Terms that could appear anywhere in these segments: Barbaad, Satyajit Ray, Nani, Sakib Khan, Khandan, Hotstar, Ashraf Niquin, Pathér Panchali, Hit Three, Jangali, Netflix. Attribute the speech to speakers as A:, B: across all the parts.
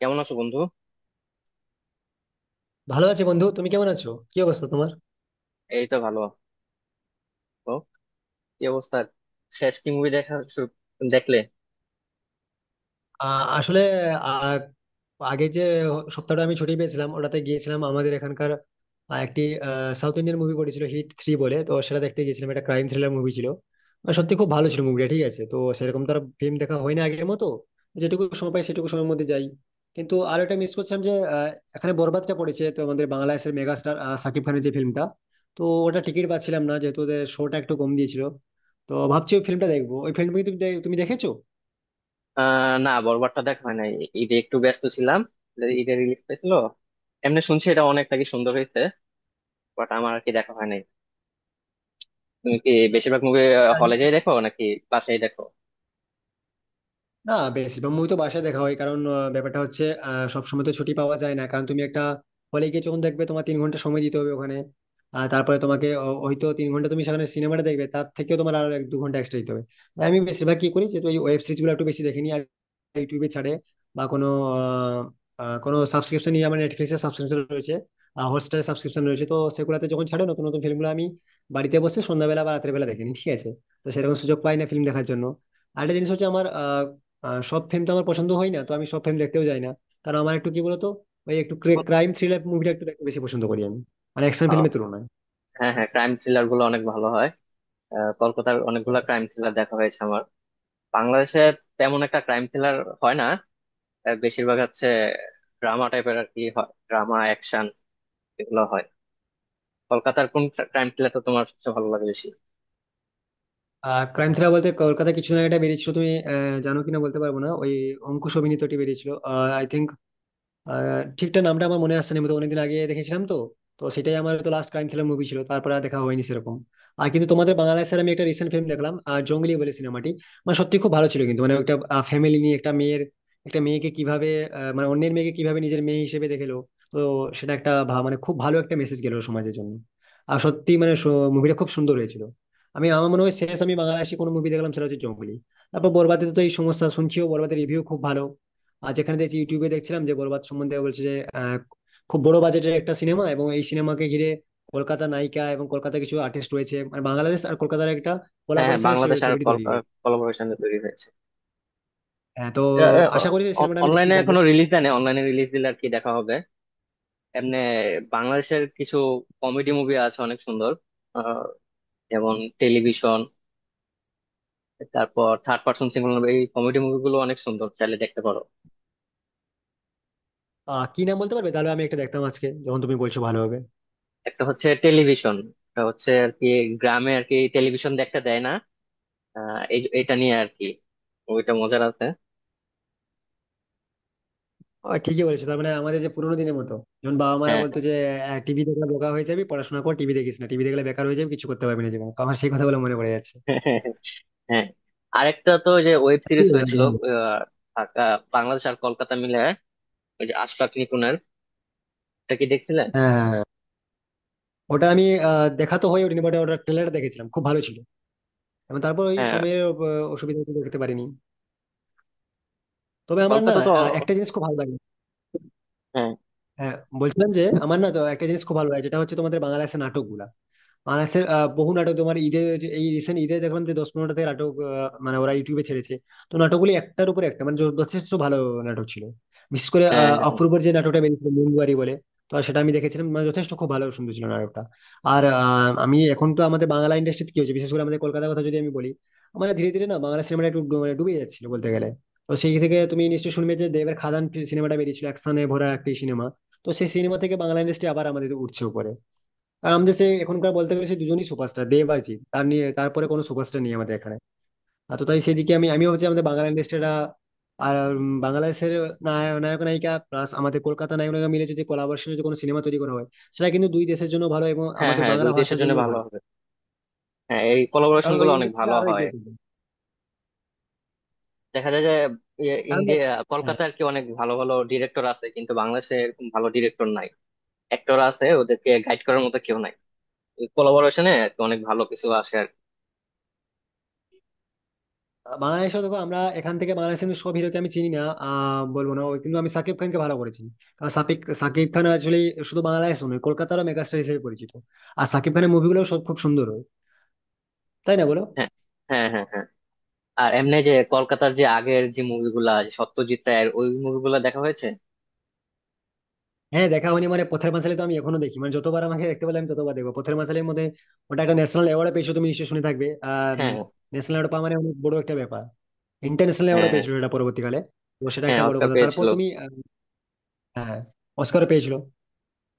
A: কেমন আছো বন্ধু?
B: ভালো আছি বন্ধু তুমি কেমন আছো? কি অবস্থা তোমার?
A: এই তো ভালো। তো কি অবস্থা? শেষ কি মুভি দেখা দেখলে?
B: আসলে আহ, আগে যে সপ্তাহটা আমি ছুটি পেয়েছিলাম ওটাতে গিয়েছিলাম আমাদের এখানকার একটি সাউথ ইন্ডিয়ান মুভি পড়েছিল হিট থ্রি বলে, তো সেটা দেখতে গিয়েছিলাম। একটা ক্রাইম থ্রিলার মুভি ছিল, আর সত্যি খুব ভালো ছিল মুভিটা। ঠিক আছে, তো সেরকম তার ফিল্ম দেখা হয় না আগের মতো। যেটুকু সময় পাই সেটুকু সময়ের মধ্যে যাই। কিন্তু আর একটা মিস করছিলাম যে এখানে বরবাদটা পড়েছে, তো আমাদের বাংলাদেশের মেগা স্টার সাকিব খানের যে ফিল্মটা, তো ওটা টিকিট পাচ্ছিলাম না যেহেতু ওদের শোটা একটু কম দিয়েছিল। তো ভাবছি ওই ফিল্মটা দেখবো। ওই ফিল্ম তুমি দেখেছো?
A: না, বরবারটা দেখা হয় নাই। ঈদে একটু ব্যস্ত ছিলাম, ঈদে রিলিজ পেয়েছিল। এমনি শুনছি এটা অনেক নাকি সুন্দর হয়েছে, বাট আমার আর কি দেখা হয় নাই। তুমি কি বেশিরভাগ মুভি হলে যাই দেখো নাকি বাসায় দেখো?
B: না, বেশিরভাগ মুভি তো বাসায় দেখা হয় কারণ ব্যাপারটা হচ্ছে, সবসময় তো ছুটি পাওয়া যায় না। কারণ তুমি একটা হলে গিয়ে যখন দেখবে তোমার 3 ঘন্টা সময় দিতে হবে ওখানে। আর তারপরে তোমাকে হয়তো 3 ঘন্টা তুমি সেখানে সিনেমাটা দেখবে, তার থেকেও তোমার আরো এক দু ঘন্টা এক্সট্রা দিতে হবে। তাই আমি বেশিরভাগ কি করি, যেহেতু এই ওয়েব সিরিজ গুলো একটু বেশি দেখে নিই আর ইউটিউবে ছাড়ে বা কোনো আহ, কোনো সাবস্ক্রিপশন নিয়ে, আমার নেটফ্লিক্স এর সাবস্ক্রিপশন রয়েছে, হটস্টারের সাবস্ক্রিপশন রয়েছে, তো সেগুলোতে যখন ছাড়ে নতুন নতুন ফিল্মগুলো আমি বাড়িতে বসে সন্ধ্যাবেলা বা রাতের বেলা দেখিনি। ঠিক আছে, তো সেরকম সুযোগ পাই না ফিল্ম দেখার জন্য। আরেকটা জিনিস হচ্ছে আমার সব ফিল্ম তো আমার পছন্দ হয় না, তো আমি সব ফিল্ম দেখতেও যাই না। কারণ আমার একটু, কি বলতো, ওই একটু ক্রাইম থ্রিলার মুভিটা একটু দেখতে বেশি পছন্দ করি আমি, মানে অ্যাকশন
A: আহ,
B: ফিল্মের তুলনায়।
A: হ্যাঁ হ্যাঁ, ক্রাইম থ্রিলার গুলো অনেক ভালো হয়। কলকাতার অনেকগুলা ক্রাইম থ্রিলার দেখা হয়েছে আমার। বাংলাদেশে তেমন একটা ক্রাইম থ্রিলার হয় না। বেশিরভাগ হচ্ছে ড্রামা টাইপের আর কি হয়, ড্রামা অ্যাকশন, এগুলো হয়। কলকাতার কোন ক্রাইম থ্রিলারটা তোমার সবচেয়ে ভালো লাগে বেশি?
B: আর ক্রাইম থ্রিলার বলতে কলকাতা কিছু না, একটা বেরিয়েছিল, তুমি জানো কিনা বলতে পারবো না, ওই অঙ্কুশ অভিনীত, এটি বেরিয়েছিল আই থিঙ্ক। আহ, ঠিকঠাক নামটা আমার মনে আসছে না, আমি তো অনেকদিন আগে দেখেছিলাম। তো তো সেটাই আমার তো লাস্ট ক্রাইম থ্রিলার মুভি ছিল, তারপরে আর দেখা হয়নি সেরকম। আর কিন্তু তোমাদের বাংলায় স্যার আমি একটা রিসেন্ট ফিল্ম দেখলাম, জঙ্গলি বলে সিনেমাটি। মানে সত্যি খুব ভালো ছিল, কিন্তু মানে একটা ফ্যামিলি নিয়ে, একটা মেয়ের, একটা মেয়েকে কিভাবে মানে অন্যের মেয়েকে কিভাবে নিজের মেয়ে হিসেবে দেখেলো। তো সেটা একটা মানে খুব ভালো একটা মেসেজ গেল সমাজের জন্য। আর সত্যি মানে মুভিটা খুব সুন্দর হয়েছিল। আমি, আমার মনে হয় শেষ আমি বাংলাদেশি কোনো মুভি দেখলাম সেটা হচ্ছে জঙ্গলি। তারপর বরবাদে তো এই সমস্যা, শুনছিও বরবাদের রিভিউ খুব ভালো। আর যেখানে দেখছি, ইউটিউবে দেখছিলাম যে বরবাদ সম্বন্ধে বলছে যে আহ, খুব বড় বাজেটের একটা সিনেমা, এবং এই সিনেমাকে ঘিরে কলকাতা নায়িকা এবং কলকাতা কিছু আর্টিস্ট রয়েছে, মানে বাংলাদেশ আর কলকাতার একটা
A: হ্যাঁ হ্যাঁ,
B: কোলাবোরেশনের
A: বাংলাদেশ আর
B: ছবিটি তৈরি হয়েছে।
A: কোলাবোরেশনে তৈরি হয়েছে।
B: হ্যাঁ, তো আশা করি এই সিনেমাটা আমি দেখতে
A: অনলাইনে
B: পাবো।
A: এখনো রিলিজ দেয় না, অনলাইনে রিলিজ দিলে আর কি দেখা হবে। এমনি বাংলাদেশের কিছু কমেডি মুভি আছে অনেক সুন্দর। আহ, যেমন টেলিভিশন, তারপর থার্ড পার্সন সিঙ্গল, এই কমেডি মুভিগুলো অনেক সুন্দর, চাইলে দেখতে পারো।
B: আহ, কি নাম বলতে পারবে? তাহলে আমি একটা দেখতাম আজকে, যখন তুমি বলছো ভালো হবে।
A: একটা হচ্ছে টেলিভিশন, একটা হচ্ছে আর কি গ্রামে আর কি টেলিভিশন দেখতে দেয় না, এই এটা নিয়ে আর কি, ওইটা মজার আছে।
B: আহ, ঠিকই বলেছো। তার মানে আমাদের যে পুরোনো দিনের মতো, যখন বাবা মারা
A: হ্যাঁ.
B: বলতো যে টিভি দেখলে বোকা হয়ে যাবি, পড়াশোনা কর, টিভি দেখিস না, টিভি দেখলে বেকার হয়ে যাবে, কিছু করতে পারবি না জীবনে, তো আমার সেই কথাগুলো মনে পড়ে যাচ্ছে।
A: হ্যাঁ, আরেকটা তো ওই যে ওয়েব সিরিজ
B: ঠিক আছে।
A: হয়েছিল, আহ, বাংলাদেশ আর কলকাতা মিলে, ওই যে আশরাফ নিকুনের, এটা কি দেখছিলেন?
B: হ্যাঁ, ওটা আমি দেখা তো হয়নি, বাট ওটা ট্রেলার দেখেছিলাম খুব ভালো ছিল। এবং তারপর ওই
A: হ্যাঁ।
B: সময়ের অসুবিধা একটু দেখতে পারিনি। তবে আমার না
A: কলকাতা তো
B: একটা জিনিস খুব ভালো লাগে।
A: হ্যাঁ।
B: হ্যাঁ, বলছিলাম যে আমার না তো একটা জিনিস খুব ভালো লাগে, যেটা হচ্ছে তোমাদের বাংলা বাংলাদেশের নাটকগুলা। মানাসের বহু নাটক তোমার ঈদে, এই রিসেন্ট ঈদে দেখলাম যে 10-15টা থেকে নাটক, মানে ওরা ইউটিউবে ছেড়েছে। তো নাটকগুলি একটার উপর একটা মানে যথেষ্ট ভালো নাটক ছিল। বিশেষ করে
A: হ্যাঁ হ্যাঁ হ্যাঁ
B: অপূর্বর যে নাটকটা বেরিয়েছিল মুনবাড়ি বলে, তো সেটা আমি দেখেছিলাম। মানে যথেষ্ট খুব ভালো সুন্দর ছিল নাটকটা। আর আমি এখন তো আমাদের বাংলা ইন্ডাস্ট্রিতে কি হচ্ছে, বিশেষ করে আমাদের কলকাতার কথা যদি আমি বলি, আমাদের ধীরে ধীরে না বাংলা সিনেমাটা একটু মানে ডুবে যাচ্ছিল বলতে গেলে। তো সেই থেকে তুমি নিশ্চয়ই শুনবে যে দেবের খাদান সিনেমাটা বেরিয়েছিল, অ্যাকশনে ভরা একটি সিনেমা। তো সেই সিনেমা থেকে বাংলা ইন্ডাস্ট্রি আবার আমাদের উঠছে উপরে। আর আমাদের সে এখনকার বলতে গেলে সে দুজনই সুপারস্টার, দেব আর জিৎ, তার নিয়ে তারপরে কোনো সুপারস্টার নেই আমাদের এখানে। আর তো তাই সেদিকে আমি আমি ভাবছি আমাদের বাংলা ইন্ডাস্ট্রিটা। আর বাংলাদেশের নায়ক নায়িকা প্লাস আমাদের কলকাতা নায়ক নায়িকা মিলে যদি কোলাবোরেশনে যদি কোনো সিনেমা তৈরি করা হয়, সেটা কিন্তু দুই দেশের জন্য ভালো এবং
A: হ্যাঁ
B: আমাদের
A: হ্যাঁ,
B: বাংলা
A: দুই দেশের
B: ভাষার
A: জন্য
B: জন্য
A: ভালো
B: ভালো।
A: হবে। হ্যাঁ, এই কোলাবোরেশন
B: কারণ
A: গুলো
B: ওই
A: অনেক
B: ইন্ডাস্ট্রিটা
A: ভালো
B: আরো
A: হয়।
B: এগিয়ে চলবে।
A: দেখা যায় যে
B: কারণ,
A: ইন্ডিয়া
B: হ্যাঁ।
A: কলকাতা আর কি অনেক ভালো ভালো ডিরেক্টর আছে, কিন্তু বাংলাদেশে এরকম ভালো ডিরেক্টর নাই। অ্যাক্টর আছে, ওদেরকে গাইড করার মতো কেউ নাই। এই কোলাবোরেশনে অনেক ভালো কিছু আসে আর কি।
B: বাংলাদেশে দেখো, আমরা এখান থেকে বাংলাদেশের কিন্তু সব হিরোকে আমি চিনি না, আহ, বলবো না ওই, কিন্তু আমি সাকিব খানকে ভালো করে চিনি। কারণ সাকিব সাকিব খান আসলে শুধু বাংলাদেশ নয়, কলকাতারও মেগাস্টার হিসেবে পরিচিত। আর সাকিব খানের মুভিগুলো সব খুব সুন্দর হয়, তাই না বলো?
A: হ্যাঁ হ্যাঁ হ্যাঁ হ্যাঁ। আর এমনি যে কলকাতার যে আগের যে মুভিগুলা, সত্যজিৎ রায়ের ওই মুভিগুলা দেখা হয়েছে।
B: হ্যাঁ, দেখা হয়নি মানে, পথের পাঁচালী তো আমি এখনো দেখি, মানে যতবার আমাকে দেখতে পেলে আমি ততবার দেখবো পথের পাঁচালীর মধ্যে। ওটা একটা ন্যাশনাল অ্যাওয়ার্ড পেয়েছো তুমি নিশ্চয়ই শুনে থাকবে। আহ,
A: হ্যাঁ।
B: ন্যাশনাল অ্যাওয়ার্ড পাওয়া মানে অনেক বড় একটা ব্যাপার। ইন্টারন্যাশনাল অ্যাওয়ার্ড
A: হ্যাঁ,
B: পেয়েছিল এটা পরবর্তীকালে। তো সেটা
A: হ্যাঁ
B: একটা বড়
A: অস্কার
B: কথা। তারপর
A: পেয়েছিল।
B: তুমি হ্যাঁ, অস্কার পেয়েছিল।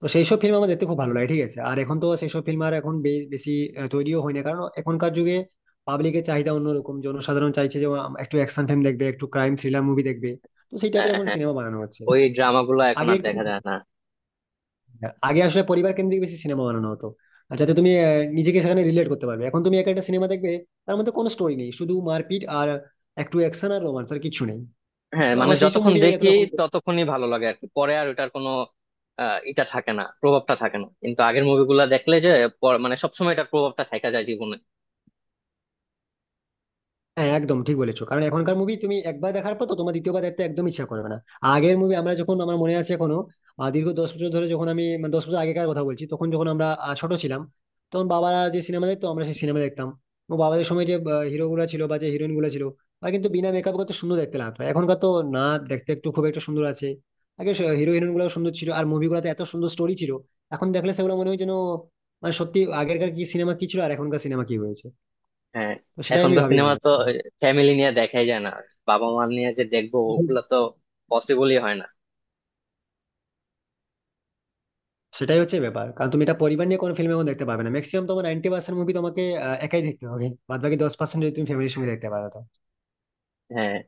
B: তো সেই সব ফিল্ম আমার দেখতে খুব ভালো লাগে। ঠিক আছে, আর এখন তো সেই সব ফিল্ম আর এখন বেশি তৈরিও হয় না, কারণ এখনকার যুগে পাবলিকের চাহিদা অন্যরকম। জনসাধারণ চাইছে যে একটু অ্যাকশন ফিল্ম দেখবে, একটু ক্রাইম থ্রিলার মুভি দেখবে। তো সেই
A: হ্যাঁ
B: টাইপের এখন
A: হ্যাঁ।
B: সিনেমা বানানো হচ্ছে।
A: ওই ড্রামাগুলো এখন
B: আগে
A: আর
B: একটু
A: দেখা যায় না।
B: আগে আসলে পরিবার কেন্দ্রিক বেশি সিনেমা বানানো হতো, আর যাতে তুমি নিজেকে সেখানে রিলেট করতে পারবে। এখন তুমি একা একটা সিনেমা দেখবে, তার মধ্যে কোনো স্টোরি নেই, শুধু মারপিট আর একটু অ্যাকশন আর রোমান্স, আর কিছু নেই।
A: হ্যাঁ,
B: তো
A: মানে
B: আমার সেই সব
A: যতক্ষণ
B: মুভি
A: দেখি
B: এতটা খুব।
A: ততক্ষণই ভালো লাগে আর কি, পরে আর ওটার কোনো এটা থাকে না, প্রভাবটা থাকে না। কিন্তু আগের মুভিগুলা দেখলে যে মানে সবসময় এটার প্রভাবটা থেকে যায় জীবনে।
B: হ্যাঁ, একদম ঠিক বলেছো, কারণ এখনকার মুভি তুমি একবার দেখার পর তো তোমার দ্বিতীয়বার দেখতে একদম ইচ্ছা করবে না। আগের মুভি আমরা যখন, আমার মনে আছে এখনো, দীর্ঘ 10 বছর ধরে যখন আমি, মানে 10 বছর আগেকার কথা বলছি, তখন যখন আমরা ছোট ছিলাম, তখন বাবারা যে সিনেমা দেখতো আমরা সেই সিনেমা দেখতাম। এবং বাবাদের সময় যে হিরো গুলা ছিল বা যে হিরোইন গুলা ছিল, বা কিন্তু বিনা মেকআপ কত সুন্দর দেখতে লাগতো। এখনকার তো না, দেখতে একটু খুব একটা সুন্দর আছে। আগে হিরো হিরোইন গুলো সুন্দর ছিল আর মুভিগুলোতে এত সুন্দর স্টোরি ছিল, এখন দেখলে সেগুলো মনে হয় যেন, মানে সত্যি আগেরকার কি সিনেমা কি ছিল আর এখনকার সিনেমা কি হয়েছে।
A: হ্যাঁ।
B: তো সেটাই আমি
A: এখনকার
B: ভাবি
A: সিনেমা
B: মাঝে
A: তো
B: মাঝে।
A: ফ্যামিলি নিয়ে দেখাই যায় না, বাবা মা নিয়ে যে দেখবো ওগুলা তো পসিবলই হয় না।
B: সেটাই হচ্ছে ব্যাপার, কারণ তুমি এটা পরিবার নিয়ে কোনো ফিল্ম এখন দেখতে পাবে না। ম্যাক্সিমাম তোমার 90% মুভি তোমাকে একাই দেখতে হবে, বাদ বাকি 10% যদি তুমি ফ্যামিলির সঙ্গে দেখতে পারো তো।
A: হ্যাঁ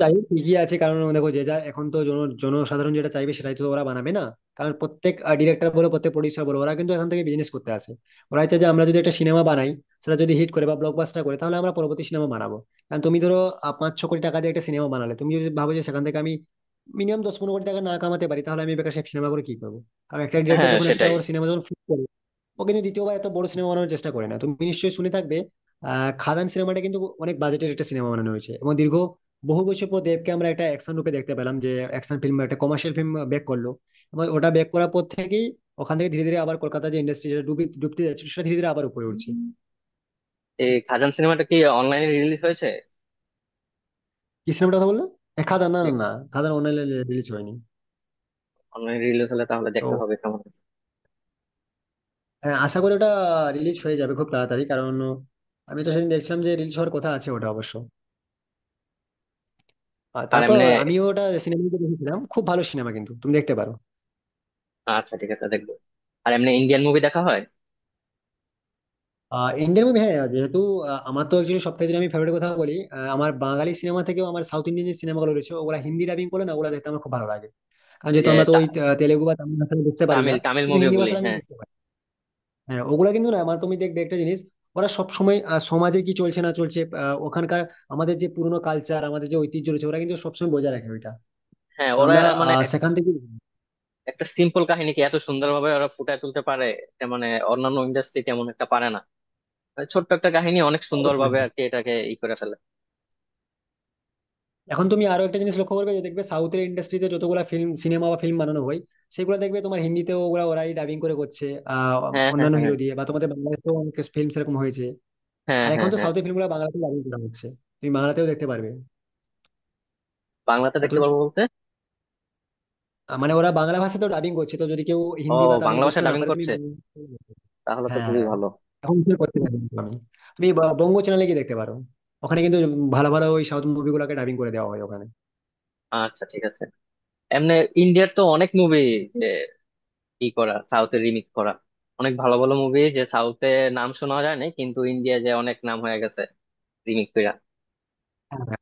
B: তাই ঠিকই আছে, কারণ দেখো যে, যা এখন তো জনসাধারণ যেটা চাইবে সেটাই তো ওরা বানাবে না। কারণ প্রত্যেক ডিরেক্টর বলো, প্রত্যেক প্রডিউসার বলো, ওরা কিন্তু এখান থেকে বিজনেস করতে আসে। ওরা চাই যে আমরা যদি একটা সিনেমা বানাই, সেটা যদি হিট করে বা ব্লকবাস্টার করে, তাহলে আমরা পরবর্তী সিনেমা বানাবো। কারণ তুমি ধরো 5-6 কোটি টাকা দিয়ে একটা সিনেমা বানালে তুমি যদি ভাবো যে সেখান থেকে আমি মিনিমাম 10-15 কোটি টাকা না কামাতে পারি, তাহলে আমি বেকার সেই সিনেমা করে কি করবো। কারণ একটা ডিরেক্টর
A: হ্যাঁ
B: যখন একটা
A: সেটাই।
B: ওর সিনেমা যখন, ও কিন্তু দ্বিতীয়বার এত বড় সিনেমা বানানোর চেষ্টা করে না। তুমি নিশ্চয়ই শুনে থাকবে, আহ, খাদান সিনেমাটা কিন্তু অনেক বাজেটের একটা সিনেমা বানানো হয়েছে, এবং দীর্ঘ বহু বছর পর দেবকে আমরা একটা অ্যাকশন রূপে দেখতে পেলাম, যে অ্যাকশন ফিল্ম, একটা কমার্শিয়াল ফিল্ম ব্যাক করলো। এবং ওটা ব্যাক করার পর থেকেই ওখান থেকে ধীরে ধীরে আবার কলকাতা যে ইন্ডাস্ট্রি যেটা ডুবি ডুবতে যাচ্ছে সেটা ধীরে ধীরে আবার উপরে উঠছে।
A: এই খাজান সিনেমাটা কি অনলাইনে রিলিজ হয়েছে?
B: কি সিনেমাটা কথা বললে? এ, খাদান? না না না, খাদান অনলাইনে রিলিজ হয়নি।
A: অনলাইনে রিলিজ হলে তাহলে
B: তো
A: দেখতে হবে কেমন হয়েছে।
B: হ্যাঁ, আশা করি ওটা রিলিজ হয়ে যাবে খুব তাড়াতাড়ি, কারণ আমি তো সেদিন দেখছিলাম যে রিলিজ হওয়ার কথা আছে ওটা অবশ্য। আর
A: আর এমনি
B: তারপর আমিও ওটা সিনেমা দেখেছিলাম, খুব ভালো সিনেমা, কিন্তু তুমি দেখতে পারো।
A: আচ্ছা ঠিক আছে, দেখবো। আর এমনি ইন্ডিয়ান মুভি দেখা হয়।
B: আহ, ইন্ডিয়ান মুভি, হ্যাঁ, যেহেতু আমার তো একচুয়ালি সব থেকে যদি আমি ফেভারিট কথা বলি, আমার বাঙালি সিনেমা থেকেও আমার সাউথ ইন্ডিয়ান যে সিনেমাগুলো রয়েছে, ওগুলা হিন্দি ডাবিং করে, না ওগুলা দেখতে আমার খুব ভালো লাগে। কারণ
A: এই
B: যেহেতু
A: যে
B: আমরা তো ওই তেলেগু বা তামিল ভাষা বুঝতে পারি না,
A: তামিল তামিল
B: কিন্তু হিন্দি
A: মুভিগুলি
B: ভাষা আমি
A: হ্যাঁ
B: বুঝতে পারি। হ্যাঁ, ওগুলা কিন্তু না, আমার তুমি দেখবে একটা জিনিস, ওরা সবসময় সমাজে কি চলছে না চলছে, ওখানকার আমাদের যে পুরনো কালচার, আমাদের যে ঐতিহ্য রয়েছে, ওরা কিন্তু সবসময় বজায় রাখে ওইটা।
A: হ্যাঁ
B: তো
A: ওরা
B: আমরা
A: মানে
B: আহ, সেখান থেকে,
A: একটা সিম্পল কাহিনীকে এত সুন্দরভাবে ওরা ফুটায় তুলতে পারে, এটা মানে অন্যান্য ইন্ডাস্ট্রি তেমন একটা পারে না। মানে ছোট্ট একটা কাহিনী অনেক
B: অবশ্যই।
A: সুন্দরভাবে আর কি এটাকে ই করে ফেলে।
B: এখন তুমি আরো একটা জিনিস লক্ষ্য করবে যে, দেখবে সাউথের ইন্ডাস্ট্রিতে যতগুলো ফিল্ম সিনেমা বা ফিল্ম বানানো হয়, সেগুলো দেখবে তোমার হিন্দিতেও ওগুলা ওরাই ডাবিং করে করছে আহ,
A: হ্যাঁ হ্যাঁ
B: অন্যান্য
A: হ্যাঁ
B: হিরো দিয়ে, বা তোমাদের বাংলাদেশেও অনেক ফিল্ম সেরকম হয়েছে।
A: হ্যাঁ
B: আর এখন
A: হ্যাঁ হ্যাঁ
B: তো
A: হ্যাঁ।
B: সাউথের ফিল্মগুলো বাংলাতেও ডাবিং করা হচ্ছে, তুমি বাংলাতেও দেখতে পারবে।
A: বাংলাতে
B: আর
A: দেখতে
B: তুমি
A: পারবো বলতে?
B: মানে ওরা বাংলা ভাষাতেও ডাবিং করছে, তো যদি কেউ
A: ও,
B: হিন্দি বা তামিল
A: বাংলা ভাষা
B: বুঝতে না
A: ডাবিং
B: পারে তুমি
A: করছে,
B: বাংলা-,
A: তাহলে তো খুবই
B: হ্যাঁ,
A: ভালো।
B: এখন কি করতে পারবে না তুমি, তুমি বঙ্গ চ্যানেলে গিয়ে দেখতে পারো। ওখানে কিন্তু ভালো ভালো ওই সাউথ মুভিগুলোকে ডাবিং করে দেওয়া হয় ওখানে।
A: আচ্ছা ঠিক আছে। এমনি ইন্ডিয়ার তো অনেক মুভি ই করা, সাউথের রিমিক্স করা। অনেক ভালো ভালো মুভি যে সাউথে নাম শোনা যায় না, কিন্তু ইন্ডিয়া যে অনেক নাম হয়ে গেছে রিমিক্স কইরা।
B: হ্যাঁ,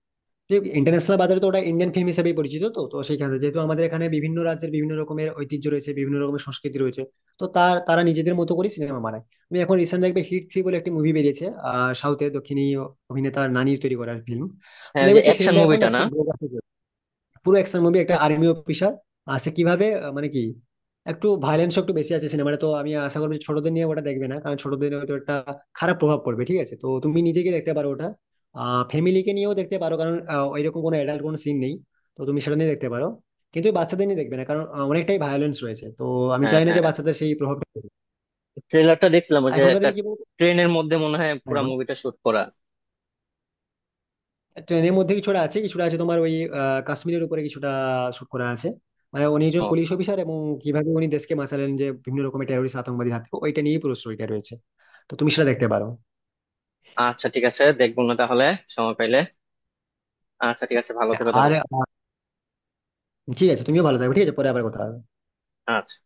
B: ইন্টারন্যাশনাল বাজারে তো ওটা ইন্ডিয়ান ফিল্ম হিসেবেই পরিচিত। তো তো সেখানে যেহেতু আমাদের এখানে বিভিন্ন রাজ্যের বিভিন্ন রকমের ঐতিহ্য রয়েছে, বিভিন্ন রকমের সংস্কৃতি রয়েছে, তো তারা নিজেদের মতো করে সিনেমা বানায়। তুমি এখন রিসেন্ট দেখবে হিট থ্রি বলে একটি মুভি বেরিয়েছে, আহ, সাউথের দক্ষিণী অভিনেতা নানির তৈরি করা ফিল্ম। তো
A: হ্যাঁ ওই যে
B: দেখবে সেই
A: অ্যাকশন
B: ফিল্মটা এখন
A: মুভিটা
B: না
A: না।
B: খুব, পুরো অ্যাকশন মুভি, একটা আর্মি অফিসার, আর সে কিভাবে মানে কি, একটু ভায়োলেন্স একটু বেশি আছে সিনেমাটা, তো আমি আশা করবো যে ছোটদের নিয়ে ওটা দেখবে না, কারণ ছোটদের হয়তো একটা খারাপ প্রভাব পড়বে। ঠিক আছে, তো তুমি নিজেকে দেখতে পারো ওটা, আহ, ফ্যামিলিকে নিয়েও দেখতে পারো, কারণ ওইরকম কোনো অ্যাডাল্ট কোনো সিন নেই, তো তুমি সেটা নিয়ে দেখতে পারো। কিন্তু ওই বাচ্চাদের নিয়ে দেখবে না, কারণ অনেকটাই ভায়োলেন্স রয়েছে। তো আমি
A: হ্যাঁ
B: চাই না যে
A: হ্যাঁ,
B: বাচ্চাদের সেই প্রভাবটা পড়ুক।
A: ট্রেলারটা দেখছিলাম, ওই
B: আর
A: যে
B: এখনকার
A: একটা
B: দিনে কি বলতো,
A: ট্রেনের মধ্যে মনে হয়
B: হ্যাঁ
A: পুরো
B: বলো।
A: মুভিটা শুট করা।
B: ট্রেনের মধ্যে কিছুটা আছে, কিছুটা আছে তোমার ওই কাশ্মীরের উপরে কিছুটা শুট করা আছে। মানে উনি একজন
A: ও
B: পুলিশ অফিসার, এবং কিভাবে উনি দেশকে বাঁচালেন যে বিভিন্ন রকমের টেরোরিস্ট আতঙ্কবাদীর হাত থেকে, ওইটা নিয়ে পুরো স্টোরিটা রয়েছে। তো তুমি সেটা দেখতে পারো।
A: আচ্ছা, ঠিক আছে দেখবো না তাহলে, সময় পাইলে। আচ্ছা ঠিক আছে, ভালো
B: হ্যাঁ,
A: থেকো
B: আর
A: তাহলে।
B: ঠিক আছে, তুমিও ভালো থাকবে। ঠিক আছে, পরে আবার কথা হবে।
A: আচ্ছা।